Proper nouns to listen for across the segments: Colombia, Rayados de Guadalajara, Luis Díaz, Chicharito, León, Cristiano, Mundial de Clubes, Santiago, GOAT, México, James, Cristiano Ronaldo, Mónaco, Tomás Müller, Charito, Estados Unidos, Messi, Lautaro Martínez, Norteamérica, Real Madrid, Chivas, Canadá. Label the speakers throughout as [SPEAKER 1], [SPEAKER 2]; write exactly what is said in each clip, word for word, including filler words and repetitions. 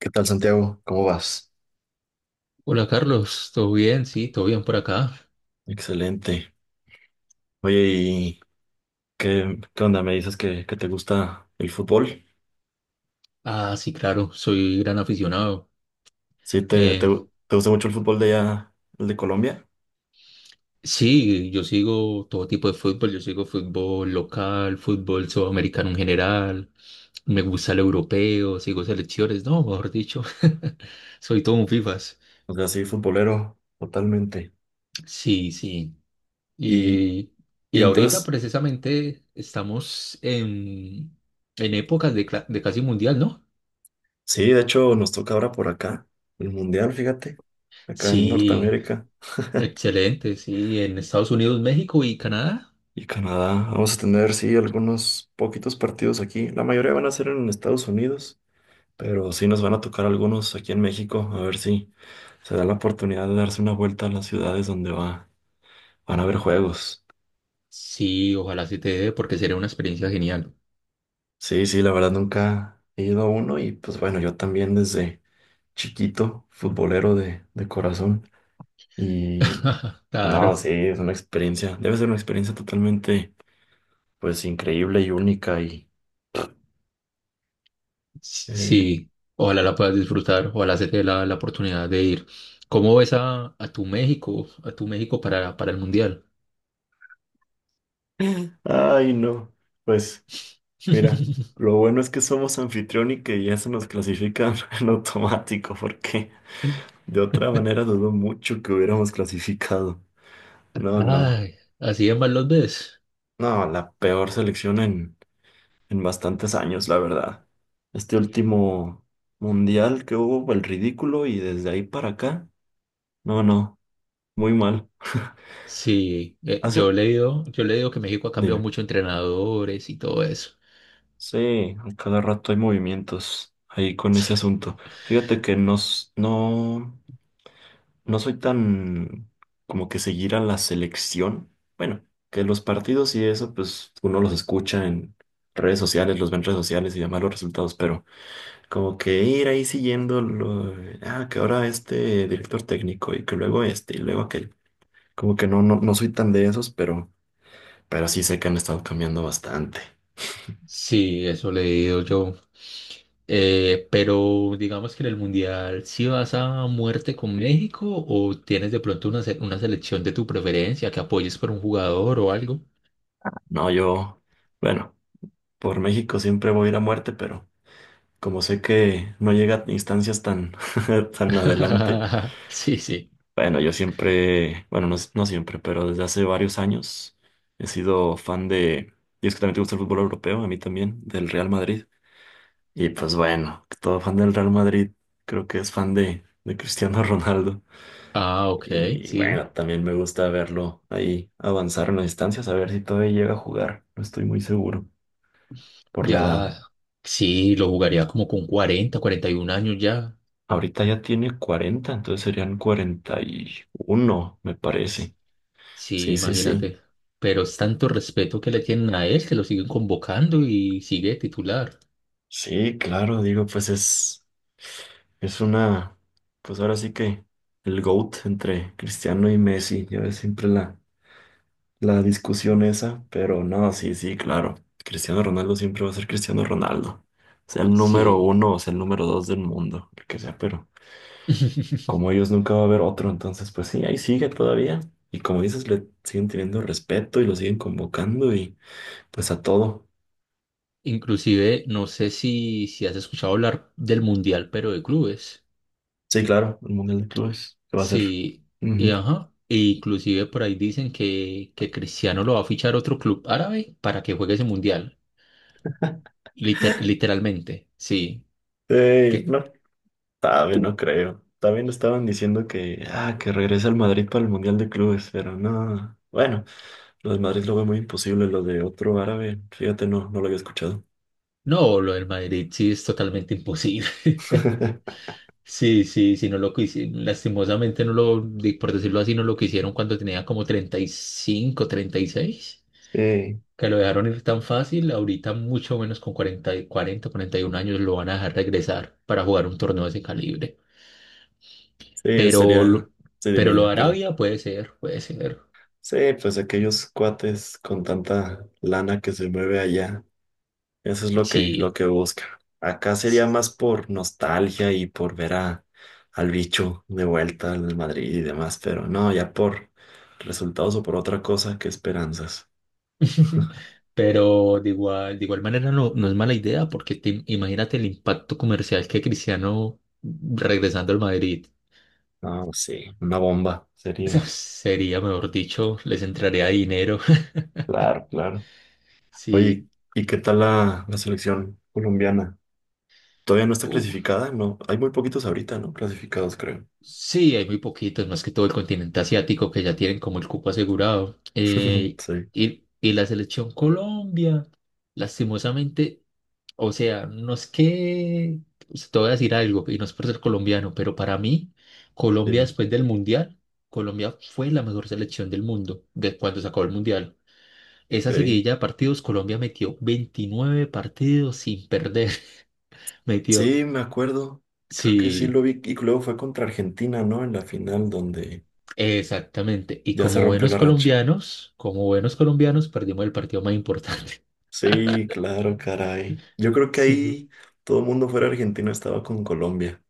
[SPEAKER 1] ¿Qué tal, Santiago? ¿Cómo vas?
[SPEAKER 2] Hola Carlos, ¿todo bien? Sí, todo bien por acá.
[SPEAKER 1] Excelente. Oye, ¿y qué, qué onda? ¿Me dices que, que te gusta el fútbol?
[SPEAKER 2] Ah, sí, claro, soy gran aficionado.
[SPEAKER 1] ¿Sí te, te,
[SPEAKER 2] Eh,
[SPEAKER 1] te gusta mucho el fútbol de allá, el de Colombia?
[SPEAKER 2] sí, yo sigo todo tipo de fútbol, yo sigo fútbol local, fútbol sudamericano en general, me gusta el europeo, sigo selecciones, no, mejor dicho, soy todo un FIFAs.
[SPEAKER 1] O sea, sí, futbolero, totalmente.
[SPEAKER 2] Sí, sí.
[SPEAKER 1] Y,
[SPEAKER 2] Y,
[SPEAKER 1] y
[SPEAKER 2] y ahorita
[SPEAKER 1] entonces,
[SPEAKER 2] precisamente estamos en, en épocas de, cla- de casi mundial, ¿no?
[SPEAKER 1] sí, de hecho nos toca ahora por acá, el Mundial, fíjate, acá en
[SPEAKER 2] Sí,
[SPEAKER 1] Norteamérica
[SPEAKER 2] excelente, sí, en Estados Unidos, México y Canadá.
[SPEAKER 1] y Canadá. Vamos a tener, sí, algunos poquitos partidos aquí. La mayoría van a ser en Estados Unidos, pero sí nos van a tocar algunos aquí en México, a ver si. Se da la oportunidad de darse una vuelta a las ciudades donde va, van a haber juegos.
[SPEAKER 2] Sí, ojalá sí te dé, porque sería una experiencia genial.
[SPEAKER 1] Sí, sí, la verdad nunca he ido a uno y pues bueno, yo también desde chiquito, futbolero de, de corazón. Y, y no,
[SPEAKER 2] Claro,
[SPEAKER 1] sí, es una experiencia, debe ser una experiencia totalmente pues increíble y única y...
[SPEAKER 2] sí,
[SPEAKER 1] eh,
[SPEAKER 2] sí, ojalá la puedas disfrutar, ojalá se te dé la, la oportunidad de ir. ¿Cómo ves a, a tu México, a tu México para, para el Mundial?
[SPEAKER 1] ay, no, pues mira, lo bueno es que somos anfitrión y que ya se nos clasifica en automático porque de otra manera dudo mucho que hubiéramos clasificado. No, no.
[SPEAKER 2] Ay, así de mal los ves.
[SPEAKER 1] No, la peor selección en, en bastantes años, la verdad. Este último mundial que hubo, el ridículo, y desde ahí para acá, no, no, muy mal.
[SPEAKER 2] Sí, eh, yo he
[SPEAKER 1] Hace,
[SPEAKER 2] leído, yo he leído que México ha cambiado
[SPEAKER 1] dime,
[SPEAKER 2] mucho entrenadores y todo eso.
[SPEAKER 1] sí, a cada rato hay movimientos ahí con ese asunto. Fíjate que no, s- no, no soy tan como que seguir a la selección. Bueno, que los partidos y eso, pues uno los escucha en redes sociales, los ve en redes sociales y demás los resultados, pero. Como que ir ahí siguiendo lo, ah, que ahora este director técnico y que luego este y luego aquel. Como que no, no, no soy tan de esos, pero, pero sí sé que han estado cambiando bastante.
[SPEAKER 2] Sí, eso le he leído yo. Eh, pero digamos que en el Mundial, ¿sí vas a muerte con México o tienes de pronto una, se- una selección de tu preferencia que apoyes por un jugador o algo?
[SPEAKER 1] No, yo, bueno, por México siempre voy a ir a muerte, pero como sé que no llega a instancias tan, tan adelante,
[SPEAKER 2] Sí, sí.
[SPEAKER 1] bueno, yo siempre, bueno, no, no siempre, pero desde hace varios años he sido fan de, y es que también te gusta el fútbol europeo, a mí también, del Real Madrid. Y pues bueno, todo fan del Real Madrid, creo que es fan de, de Cristiano Ronaldo.
[SPEAKER 2] Ah, ok,
[SPEAKER 1] Y
[SPEAKER 2] sí.
[SPEAKER 1] bueno, también me gusta verlo ahí avanzar en las distancias, a ver si todavía llega a jugar. No estoy muy seguro por la edad.
[SPEAKER 2] Ya, sí, lo jugaría como con cuarenta, cuarenta y uno años ya.
[SPEAKER 1] Ahorita ya tiene cuarenta, entonces serían cuarenta y uno me parece.
[SPEAKER 2] Sí,
[SPEAKER 1] Sí, sí, sí.
[SPEAKER 2] imagínate. Pero es tanto respeto que le tienen a él que lo siguen convocando y sigue titular.
[SPEAKER 1] Sí, claro, digo, pues es, es una, pues ahora sí que el GOAT entre Cristiano y Messi, ya ves siempre la la discusión esa, pero no, sí, sí, claro. Cristiano Ronaldo siempre va a ser Cristiano Ronaldo. Sea el número
[SPEAKER 2] Sí.
[SPEAKER 1] uno o sea el número dos del mundo, el que sea, pero como ellos nunca va a haber otro, entonces pues sí, ahí sigue todavía. Y como dices, le siguen teniendo respeto y lo siguen convocando y pues a todo.
[SPEAKER 2] Inclusive, no sé si, si, has escuchado hablar del Mundial, pero de clubes.
[SPEAKER 1] Sí, claro, el Mundial de Clubes, ¿que va a ser?
[SPEAKER 2] Sí, y
[SPEAKER 1] Ujú.
[SPEAKER 2] ajá. E inclusive por ahí dicen que, que Cristiano lo va a fichar otro club árabe para que juegue ese Mundial. Liter- literalmente, sí.
[SPEAKER 1] Ey,
[SPEAKER 2] Que,
[SPEAKER 1] no. También no creo. También estaban diciendo que, ah, que regresa al Madrid para el Mundial de Clubes, pero no. Bueno, lo de Madrid lo veo muy imposible, lo de otro árabe, fíjate, no, no lo había escuchado.
[SPEAKER 2] no, lo del Madrid sí es totalmente imposible. Sí, sí, sí, no lo quisieron. Lastimosamente, no lo, di- por decirlo así, no lo quisieron cuando tenía como treinta treinta y cinco treinta y seis
[SPEAKER 1] Sí,
[SPEAKER 2] que lo dejaron ir tan fácil, ahorita mucho menos con cuarenta, y cuarenta, cuarenta y uno años lo van a dejar regresar para jugar un torneo de ese calibre.
[SPEAKER 1] sí,
[SPEAKER 2] Pero, lo-
[SPEAKER 1] sería. Sí, dime,
[SPEAKER 2] pero lo
[SPEAKER 1] dime,
[SPEAKER 2] de
[SPEAKER 1] perdón.
[SPEAKER 2] Arabia puede ser, puede ser.
[SPEAKER 1] Sí, pues aquellos cuates con tanta lana que se mueve allá. Eso es lo que, lo
[SPEAKER 2] Sí.
[SPEAKER 1] que busca. Acá sería más por nostalgia y por ver a, al bicho de vuelta al Madrid y demás, pero no, ya por resultados o por otra cosa que esperanzas.
[SPEAKER 2] Pero de igual, de igual manera no, no es mala idea porque te- imagínate el impacto comercial que Cristiano regresando al Madrid.
[SPEAKER 1] No, sí, una bomba sería.
[SPEAKER 2] Sería, mejor dicho, les entraría dinero.
[SPEAKER 1] Claro, claro.
[SPEAKER 2] Sí,
[SPEAKER 1] Oye, ¿y qué tal la, la selección colombiana? ¿Todavía no está
[SPEAKER 2] u-
[SPEAKER 1] clasificada? No, hay muy poquitos ahorita, ¿no? Clasificados, creo.
[SPEAKER 2] sí, hay muy poquitos, más que todo el continente asiático que ya tienen como el cupo asegurado. Eh,
[SPEAKER 1] Sí,
[SPEAKER 2] y, y la selección Colombia, lastimosamente, o sea, no es que, o sea, te voy a decir algo, y no es por ser colombiano, pero para mí, Colombia
[SPEAKER 1] sí,
[SPEAKER 2] después del Mundial, Colombia fue la mejor selección del mundo de cuando se acabó el Mundial. Esa
[SPEAKER 1] ok.
[SPEAKER 2] seguidilla de partidos, Colombia metió veintinueve partidos sin perder, metió,
[SPEAKER 1] Sí, me acuerdo. Creo que sí
[SPEAKER 2] sí.
[SPEAKER 1] lo vi. Y luego fue contra Argentina, ¿no? En la final donde
[SPEAKER 2] Exactamente. Y
[SPEAKER 1] ya se
[SPEAKER 2] como
[SPEAKER 1] rompió
[SPEAKER 2] buenos
[SPEAKER 1] la racha.
[SPEAKER 2] colombianos, como buenos colombianos, perdimos el partido más importante.
[SPEAKER 1] Sí, claro, caray. Yo creo que
[SPEAKER 2] Sí.
[SPEAKER 1] ahí todo el mundo fuera argentino estaba con Colombia.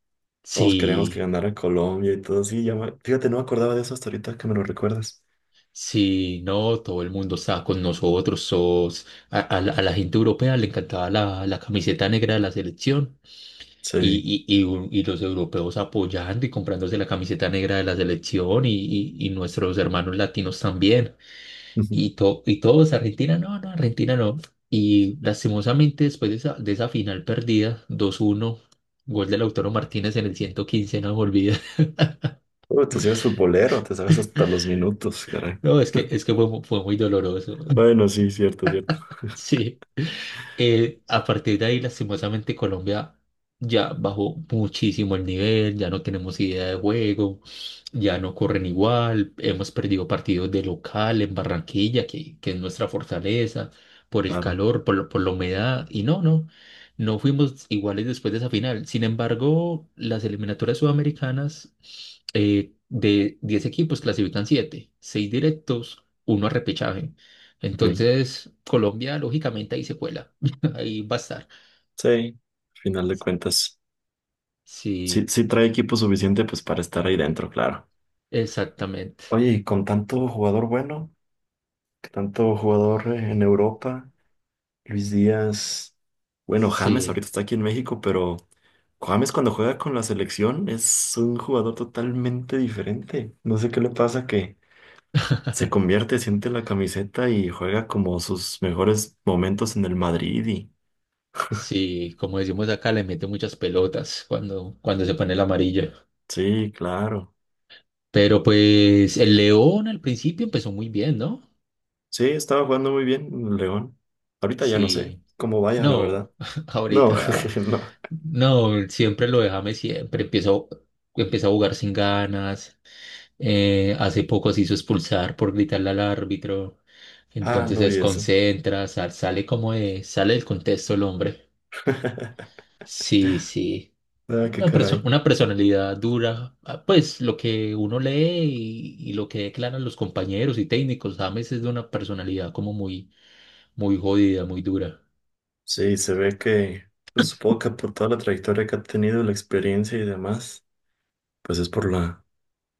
[SPEAKER 1] Todos queríamos que
[SPEAKER 2] Sí,
[SPEAKER 1] ganara Colombia y todo así. ya me- Fíjate, no me acordaba de eso hasta ahorita que me lo recuerdas.
[SPEAKER 2] sí, no, todo el mundo estaba con nosotros. sos- a, a la a la gente europea le encantaba la, la camiseta negra de la selección
[SPEAKER 1] Sí.
[SPEAKER 2] y, y, y, un- y los europeos apoyando y comprándose la camiseta negra de la selección y, y, y nuestros hermanos latinos también. Y, to- y todos, Argentina no, no, Argentina no. Y lastimosamente después de esa, de esa, final perdida, dos uno, gol de Lautaro Martínez en el ciento quince, no me olvida.
[SPEAKER 1] Bueno, tú sí eres futbolero, te sabes hasta los minutos, caray.
[SPEAKER 2] No, es que, es que fue, mu- fue muy doloroso.
[SPEAKER 1] Bueno, sí, cierto, cierto.
[SPEAKER 2] Sí. Eh, a partir de ahí, lastimosamente, Colombia ya bajó muchísimo el nivel, ya no tenemos idea de juego, ya no corren igual, hemos perdido partidos de local en Barranquilla, que, que es nuestra fortaleza, por el
[SPEAKER 1] Claro,
[SPEAKER 2] calor, por, lo- por la humedad, y no, no, no fuimos iguales después de esa final. Sin embargo, las eliminatorias sudamericanas, eh, de diez equipos clasifican siete, seis directos, uno a repechaje.
[SPEAKER 1] ok.
[SPEAKER 2] Entonces, Colombia lógicamente ahí se cuela. Ahí va a estar.
[SPEAKER 1] Sí, al final de cuentas. Sí,
[SPEAKER 2] Sí,
[SPEAKER 1] sí trae equipo suficiente pues para estar ahí dentro, claro.
[SPEAKER 2] exactamente.
[SPEAKER 1] Oye, y con tanto jugador bueno, tanto jugador eh, en Europa. Luis Díaz. Bueno, James
[SPEAKER 2] Sí,
[SPEAKER 1] ahorita está aquí en México, pero James cuando juega con la selección es un jugador totalmente diferente. No sé qué le pasa que se convierte, siente la camiseta y juega como sus mejores momentos en el Madrid y
[SPEAKER 2] sí, como decimos acá, le mete muchas pelotas cuando, cuando se pone el amarillo.
[SPEAKER 1] sí, claro.
[SPEAKER 2] Pero pues el León al principio empezó muy bien, ¿no?
[SPEAKER 1] Sí, estaba jugando muy bien en el León. Ahorita ya no sé
[SPEAKER 2] Sí,
[SPEAKER 1] cómo vaya, la
[SPEAKER 2] no,
[SPEAKER 1] verdad. No,
[SPEAKER 2] ahorita,
[SPEAKER 1] no.
[SPEAKER 2] no, siempre lo déjame, siempre empiezo, empieza a jugar sin ganas. Eh, hace poco se hizo expulsar por gritarle al árbitro.
[SPEAKER 1] Ah,
[SPEAKER 2] Entonces
[SPEAKER 1] no
[SPEAKER 2] se
[SPEAKER 1] vi eso.
[SPEAKER 2] desconcentra, sal- sale como de, sale del contexto el hombre. Sí, sí.
[SPEAKER 1] Ah, qué
[SPEAKER 2] Una perso-
[SPEAKER 1] caray.
[SPEAKER 2] una personalidad dura, ah, pues lo que uno lee y, y lo que declaran los compañeros y técnicos, James es de una personalidad como muy, muy jodida, muy dura.
[SPEAKER 1] Sí, se ve que, pues supongo que por toda la trayectoria que ha tenido, la experiencia y demás, pues es por la,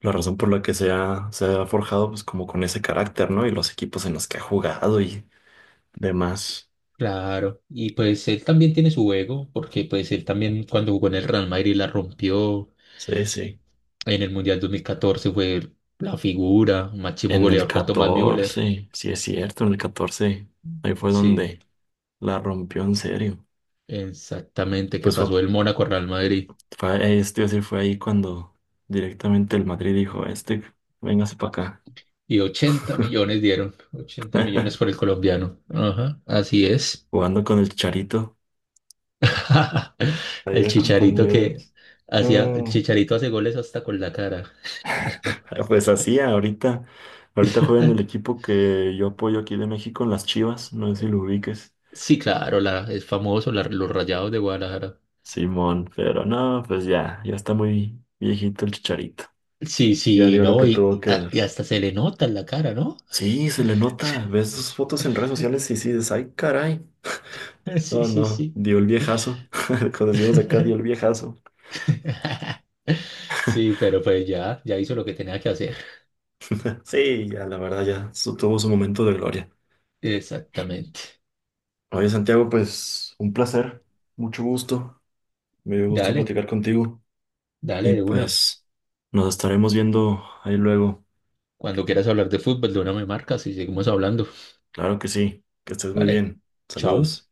[SPEAKER 1] la razón por la que se ha, se ha forjado pues como con ese carácter, ¿no? Y los equipos en los que ha jugado y demás.
[SPEAKER 2] Claro, y pues él también tiene su ego, porque pues él también cuando jugó en el Real Madrid la rompió,
[SPEAKER 1] Sí, sí.
[SPEAKER 2] en el Mundial dos mil catorce fue la figura, máximo
[SPEAKER 1] En el
[SPEAKER 2] goleador con Tomás Müller,
[SPEAKER 1] catorce sí es cierto, en el catorce ahí fue
[SPEAKER 2] sí,
[SPEAKER 1] donde la rompió en serio.
[SPEAKER 2] exactamente, que
[SPEAKER 1] Pues
[SPEAKER 2] pasó
[SPEAKER 1] fue,
[SPEAKER 2] del Mónaco al Real Madrid.
[SPEAKER 1] fue, eh, esto iba a decir, fue ahí cuando directamente el Madrid dijo, este, véngase para acá.
[SPEAKER 2] Y ochenta millones dieron, ochenta millones por el colombiano. Ajá, así es.
[SPEAKER 1] Jugando con el Charito. Ahí
[SPEAKER 2] El
[SPEAKER 1] de
[SPEAKER 2] Chicharito que
[SPEAKER 1] compañeros.
[SPEAKER 2] hacía, el
[SPEAKER 1] No.
[SPEAKER 2] Chicharito hace goles hasta con la cara.
[SPEAKER 1] Ah, pues así, ahorita, ahorita juega en el equipo que yo apoyo aquí de México, en las Chivas, no sé si lo ubiques,
[SPEAKER 2] Sí, claro, la, es famoso, la- los Rayados de Guadalajara.
[SPEAKER 1] Simón, pero no, pues ya, ya está muy viejito el Chicharito,
[SPEAKER 2] Sí,
[SPEAKER 1] ya
[SPEAKER 2] sí,
[SPEAKER 1] dio lo
[SPEAKER 2] no,
[SPEAKER 1] que tuvo
[SPEAKER 2] y,
[SPEAKER 1] que
[SPEAKER 2] y a- y
[SPEAKER 1] dar.
[SPEAKER 2] hasta se le nota en la cara, ¿no?
[SPEAKER 1] Sí, se le nota, ves sus fotos en redes sociales y sí, dices, ay, caray,
[SPEAKER 2] Sí,
[SPEAKER 1] no,
[SPEAKER 2] sí,
[SPEAKER 1] no,
[SPEAKER 2] sí.
[SPEAKER 1] dio el viejazo, cuando decimos acá, dio el viejazo.
[SPEAKER 2] Sí, pero pues ya, ya, hizo lo que tenía que hacer.
[SPEAKER 1] Sí, ya, la verdad, ya su- tuvo su momento de gloria.
[SPEAKER 2] Exactamente.
[SPEAKER 1] Oye, Santiago, pues un placer, mucho gusto. Me gusta
[SPEAKER 2] Dale,
[SPEAKER 1] platicar contigo
[SPEAKER 2] dale
[SPEAKER 1] y
[SPEAKER 2] de una.
[SPEAKER 1] pues nos estaremos viendo ahí luego.
[SPEAKER 2] Cuando quieras hablar de fútbol, de una me marcas y seguimos hablando.
[SPEAKER 1] Claro que sí, que estés muy
[SPEAKER 2] Vale,
[SPEAKER 1] bien.
[SPEAKER 2] chao.
[SPEAKER 1] Saludos.